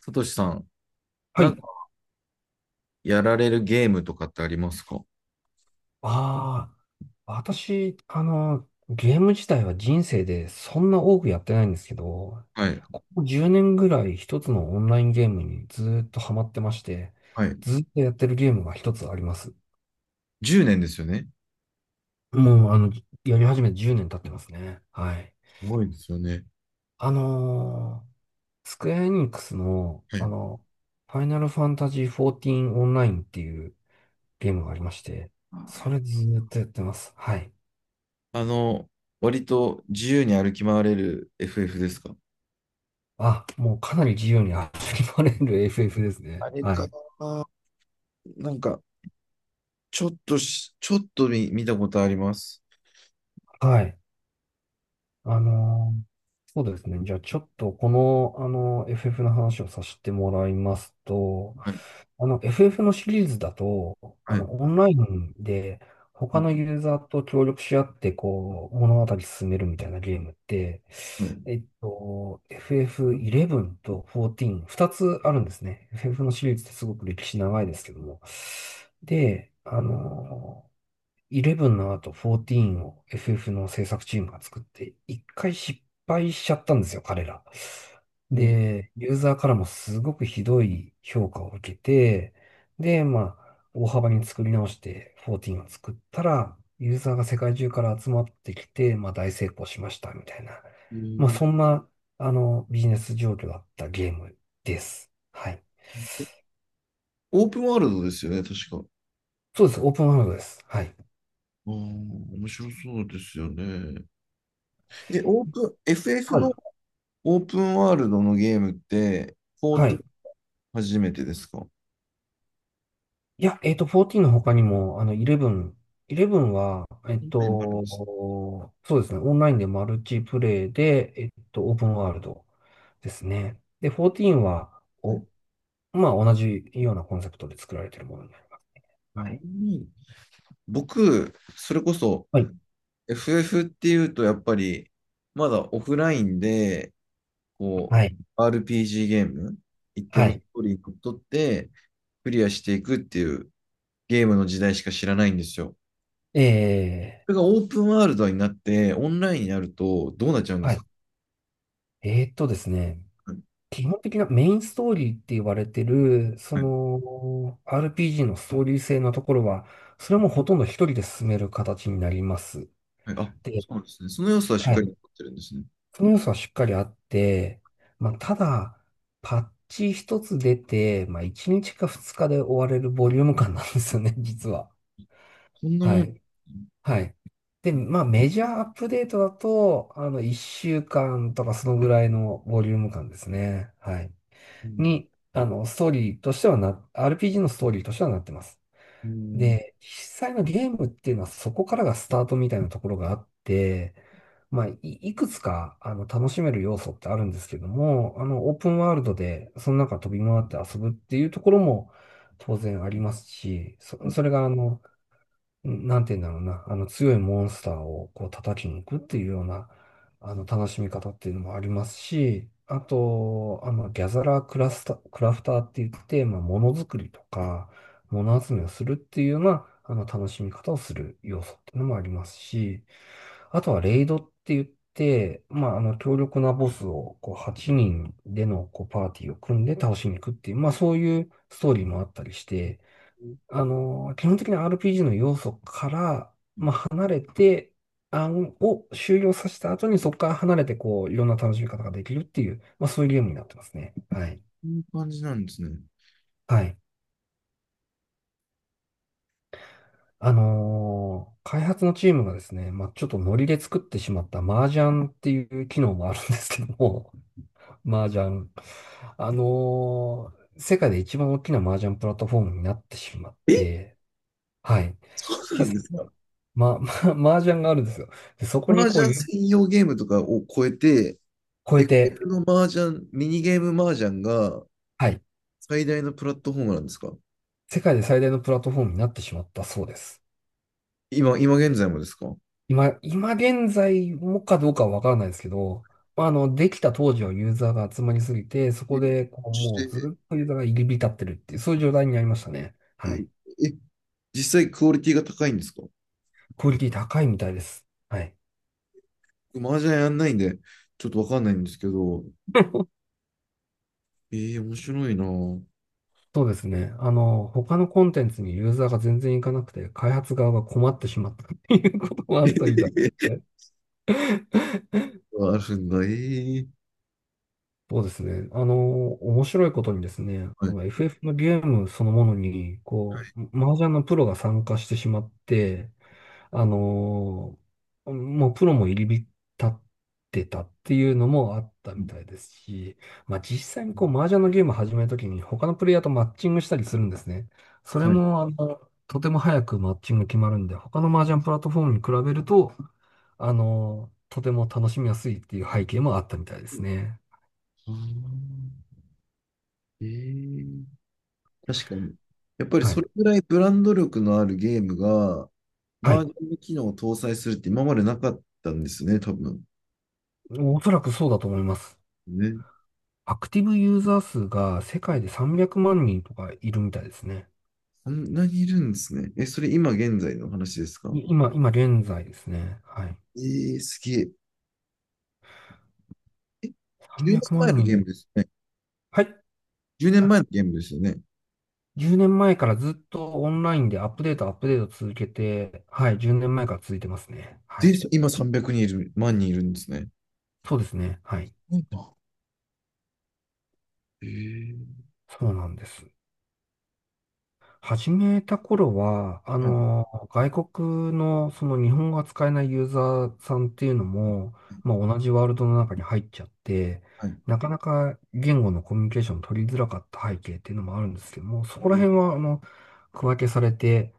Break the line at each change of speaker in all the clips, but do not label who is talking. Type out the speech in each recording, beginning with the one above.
さとしさん、
は
なんか
い。
やられるゲームとかってありますか？
ああ、私、ゲーム自体は人生でそんな多くやってないんですけど、
はい。
ここ10年ぐらい一つのオンラインゲームにずーっとハマってまして、
はい。
ずーっとやってるゲームが一つあります。
10年ですよね。
もう、やり始めて10年経ってますね。はい。
すごいですよね。
あのースクエアエニックスの、
はい。
ファイナルファンタジー14オンラインっていうゲームがありまして、それずーっとやってます。はい。
あの、割と自由に歩き回れる FF ですか？
あ、もうかなり自由に遊びまれる FF ですね。
あれ
は
か
い。
な、なんか、ちょっと見たことあります。
はい。あのーそうですね。じゃあちょっとこの、FF の話をさせてもらいますと、
はい。
FF のシリーズだと、
はい。
オンラインで
は
他
い。
のユーザーと協力し合って、こう、物語進めるみたいなゲームって、
はい。
FF11 と14、2つあるんですね。FF のシリーズってすごく歴史長いですけども。で、11の後14を FF の制作チームが作って、一回失敗しちゃったんですよ、彼ら。
えー
で、ユーザーからもすごくひどい評価を受けて、で、まあ、大幅に作り直して14を作ったら、ユーザーが世界中から集まってきて、まあ大成功しました、みたいな。まあそんな、ビジネス状況だったゲームです。はい。
オープンワールドですよね、確か。
そうです。オープンワールドです。はい。
ああ、面白そうですよね。で、オープン、FF
はい。
のオープンワールドのゲームって、14
はい。
初めてですか？
いや、14の他にも、11は、
前にもあるんですね。
そうですね、オンラインでマルチプレイで、オープンワールドですね。で、14は、まあ、同じようなコンセプトで作られているものになります。
あう
はい。
ん、僕、それこそ
はい。
FF っていうと、やっぱり、まだオフラインで、こ
はい。
RPG ゲーム、一定
は
のス
い。
トーリーにのっとって、クリアしていくっていうゲームの時代しか知らないんですよ。
え
それがオープンワールドになって、オンラインになると、どうなっちゃうんで
は
すか？
い。ですね、
はい。
基本的なメインストーリーって言われてる、そ
はい。
の、RPG のストーリー性のところは、それもほとんど一人で進める形になります。
はい。あ、そうなんですね。その要素はしっ
は
かり
い。
残ってるんですね。
その要素はしっかりあって、まあ、ただ、パッチ一つ出て、まあ、1日か2日で終われるボリューム感なんですよね、実は。
そんな
は
もん。
い。はい。で、まあ、メジャーアップデートだと、1週間とかそのぐらいのボリューム感ですね。はい。
うん
に、ストーリーとしてはな、RPG のストーリーとしてはなってます。
うん。
で、実際のゲームっていうのはそこからがスタートみたいなところがあって、まあ、いくつか、楽しめる要素ってあるんですけども、オープンワールドで、その中飛び回って遊ぶっていうところも当然ありますし、
はい。
それが、なんて言うんだろうな、あの強いモンスターをこう叩きに行くっていうような、あの楽しみ方っていうのもありますし、あと、ギャザラークラスタ、クラフターって言って、まあ、ものづくりとか、もの集めをするっていうような、楽しみ方をする要素っていうのもありますし、あとはレイドって言って、まあ、強力なボスを、こう、8人での、こう、パーティーを組んで倒しに行くっていう、まあ、そういうストーリーもあったりして、基本的な RPG の要素から離れて、案を終了させた後にそこから離れて、こう、いろんな楽しみ方ができるっていう、まあそういうゲームになってますね。はい。
こういう感じなんですね。
はい。開発のチームがですね、まあちょっとノリで作ってしまった麻雀っていう機能もあるんですけども、麻雀。世界で一番大きな麻雀プラットフォームになってしまっ
え、
て、はい。
そうな
で、
んですか？
麻雀があるんですよ。で、そこに
麻
こう、
雀専用ゲームとかを超えて、
超え
エフエフ
て、
の麻雀、ミニゲーム麻雀が
はい、
最大のプラットフォームなんですか？
世界で最大のプラットフォームになってしまったそうです。
今現在もですか？
今現在もかどうかはわからないですけど、まあ、できた当時はユーザーが集まりすぎて、そ
え、
こでこう
し
もうず
て
っとユーザーが入り浸ってるっていう、そういう状態になりましたね。
え、
はい。
え実際クオリティが高いんですか？
クオリティ高いみたいです。はい。
麻雀やんないんで、ちょっとわかんないんですけど、面白いなぁ。
そうですね。他のコンテンツにユーザーが全然いかなくて、開発側が困ってしまったっていうこともあったみたいで すね。
あるんだ、えー。
そうですね。面白いことにですね、
は
あ
い。
の FF のゲームそのものに、こう、麻雀のプロが参加してしまって、あの、もうプロも入り浸ってたっていうのもあったみたいですし、まあ実際にこう、麻雀のゲームを始めるときに他のプレイヤーとマッチングしたりするんですね。それ
はい。
も、とても早くマッチング決まるんで、他の麻雀プラットフォームに比べると、とても楽しみやすいっていう背景もあったみたいですね。
あー。えー。確かに。やっぱり
は
そ
い。
れぐらいブランド力のあるゲームが、
は
バー
い。
ジョンの機能を搭載するって今までなかったんですね、多分。
おそらくそうだと思います。
ね。
アクティブユーザー数が世界で300万人とかいるみたいですね。
そんなにいるんですね。え、それ今現在の話ですか？
今現在ですね。はい。
えー、すげえ。え、1年
300
前
万
のゲーム
人。
ですね。
はい。
10年
あ
前のゲームですよね。
10年前からずっとオンラインでアップデート、アップデート続けて、はい。10年前から続いてますね。は
で、
い。
今300人いる、万人いるんですね。
そうですね。はい。
はいな。えー。
そうなんです。始めた頃は、
はい。
外国のその日本語が使えないユーザーさんっていうのも、まあ、同じワールドの中に入っちゃって、なかなか言語のコミュニケーション取りづらかった背景っていうのもあるんですけども、そ
は
こら
い、
辺は、区分けされて、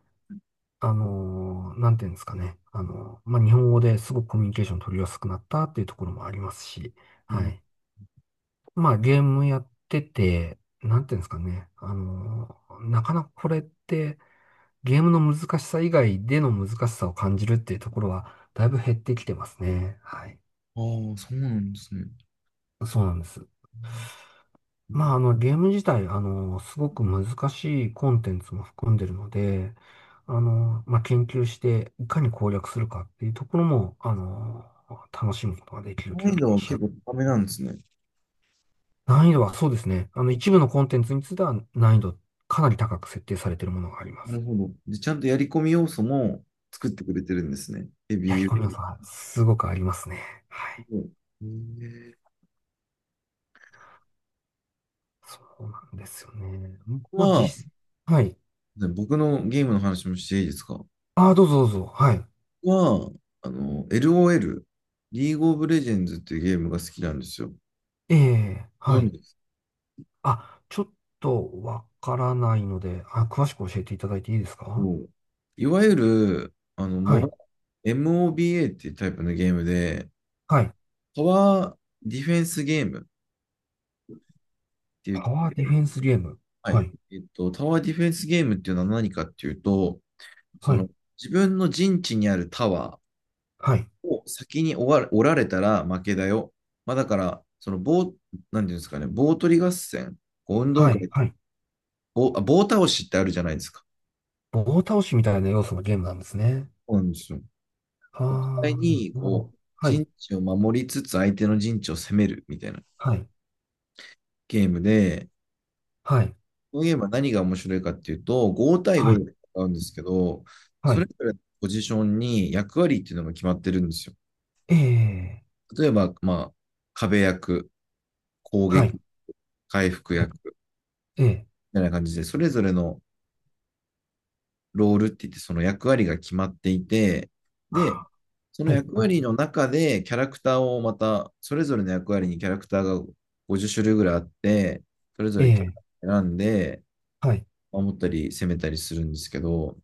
なんていうんですかね、まあ、日本語ですごくコミュニケーション取りやすくなったっていうところもありますし、
う
は
ん。
い。まあ、ゲームやってて、なんていうんですかね、なかなかこれって、ゲームの難しさ以外での難しさを感じるっていうところは、だいぶ減ってきてますね。はい。
ああ、そうなんですね。
そうなんです。
う
まあ、
イ
ゲーム自体、すごく難しいコンテンツも含んでるので、まあ、研究して、いかに攻略するかっていうところも、楽しむことができる
難
ゲー
易
ム
度
に
は
しちゃ
結
う。
構高めなんですね。
難易度はそうですね。一部のコンテンツについては難易度かなり高く設定されているものがありま
なる
す。
ほど。で、ちゃんとやり込み要素も作ってくれてるんですね。ヘ
い
ビー
や、彦宮
ユ
さん、すごくありますね。はい、
ーもえー。
そうなんですよね。
ここ
まあ、
は、
はい。
ね、僕のゲームの話もしていいですか？こ
ああ、どうぞどうぞ。はい。
こは、あの、LOL、リーグオブレジェンズっていうゲームが好きなんですよ。
ええ、
ご
は
存
い。
知ですか？
あ、ちょっとわからないので、あ、詳しく教えていただいていいですか？
ういわゆる、
はい。
MOBA っていうタイプのゲームで、
はい。
タワーディフェンスゲームってい
パ
う、
ワーディフェンスゲーム。
は
は
い、
い。
タワーディフェンスゲームっていうのは何かっていうと、そ
はい。
の、自分の陣地にあるタワー
はい。
を先に終わおられたら負けだよ。まあ、だから、その棒、なんていうんですかね、棒取り合戦、こう運動
はい。
会、
はい。
棒倒しってあるじゃないですか。
棒倒しみたいな要素のゲームなんですね。
そうなんですよ。
あ
実際
あ、な
に、
るほど。はい。
陣地を守りつつ相手の陣地を攻めるみたいな
はい。
ゲームで、
はい。
このゲームは何が面白いかっていうと、5対
は
5
い。
で戦うんですけど、
は
それ
い。
ぞれのポジションに役割っていうのが決まってるんですよ。
ええ、
例えば、まあ、壁役、攻
は
撃、
い。
回復
はい、
役
ええ、
みたいな感じで、それぞれのロールって言ってその役割が決まっていて、で、
あ、
その
はい。
役
はい。
割の中でキャラクターをまた、それぞれの役割にキャラクターが50種類ぐらいあって、それぞ
え
れキャ
え、
ラ選んで、
はい。
守ったり攻めたりするんですけど、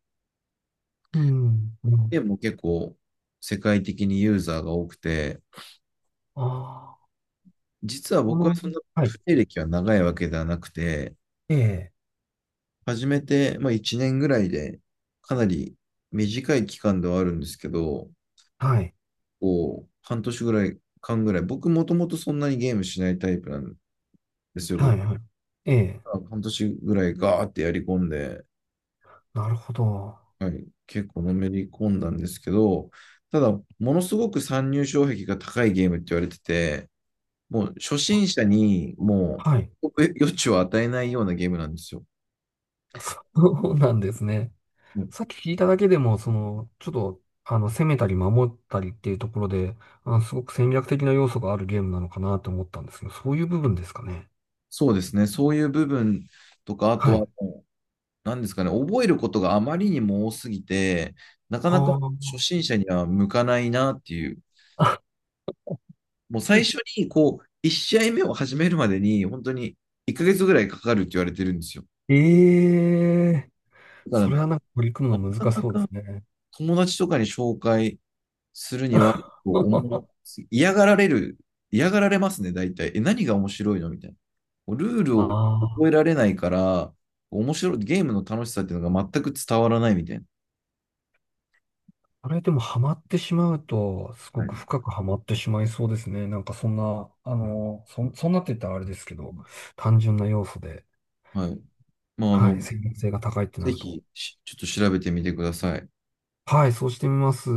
うん。う
で
ん、
も結構世界的にユーザーが多くて、
ああ。
実は
こ
僕は
の、
そんな
はい、
プレイ歴は長いわけではなくて、
ええ、
始めて、まあ、1年ぐらいでかなり短い期間ではあるんですけど、
はい、
半年ぐらい、間ぐらい、僕もともとそんなにゲームしないタイプなんですよ。
は
僕
い、はい、ええ、
が半年ぐらいガーってやり込んで、
なるほど。
はい、結構のめり込んだんですけど、ただ、ものすごく参入障壁が高いゲームって言われてて、もう初
あ、
心者にも
はい、
う余地を与えないようなゲームなんですよ。
そうなんですね。
もう
さっき聞いただけでも、その、ちょっと、攻めたり守ったりっていうところで、すごく戦略的な要素があるゲームなのかなと思ったんですけど、そういう部分ですかね。
そうですね、そういう部分とか、あと
は
は
い。
もう、なんですかね、覚えることがあまりにも多すぎて、なかなか
は
初心者には向かないなっていう、
あ。
もう最初に、1試合目を始めるまでに、本当に1ヶ月ぐらいかかるって言われてるんですよ。
ええ、
だか
それはな
ら、
んか取り組む
な
の
か
難し
な
そうです
か
ね。
友達とかに紹介するには、思 う嫌がられる、嫌がられますね、大体。え、何が面白いのみたいな。ルール
あ
を覚えられないから、面白い、ゲームの楽しさっていうのが全く伝わらないみたいな。
あれでもハマってしまうと、すご
は
く
い。
深くハマってしまいそうですね。なんかそんな、そんなって言ったらあれですけど、単純な要素で、
はい。まあ、
はい、専門性が高いってな
ぜ
ると。
ひ、ちょっと調べてみてください。
はい、そうしてみます。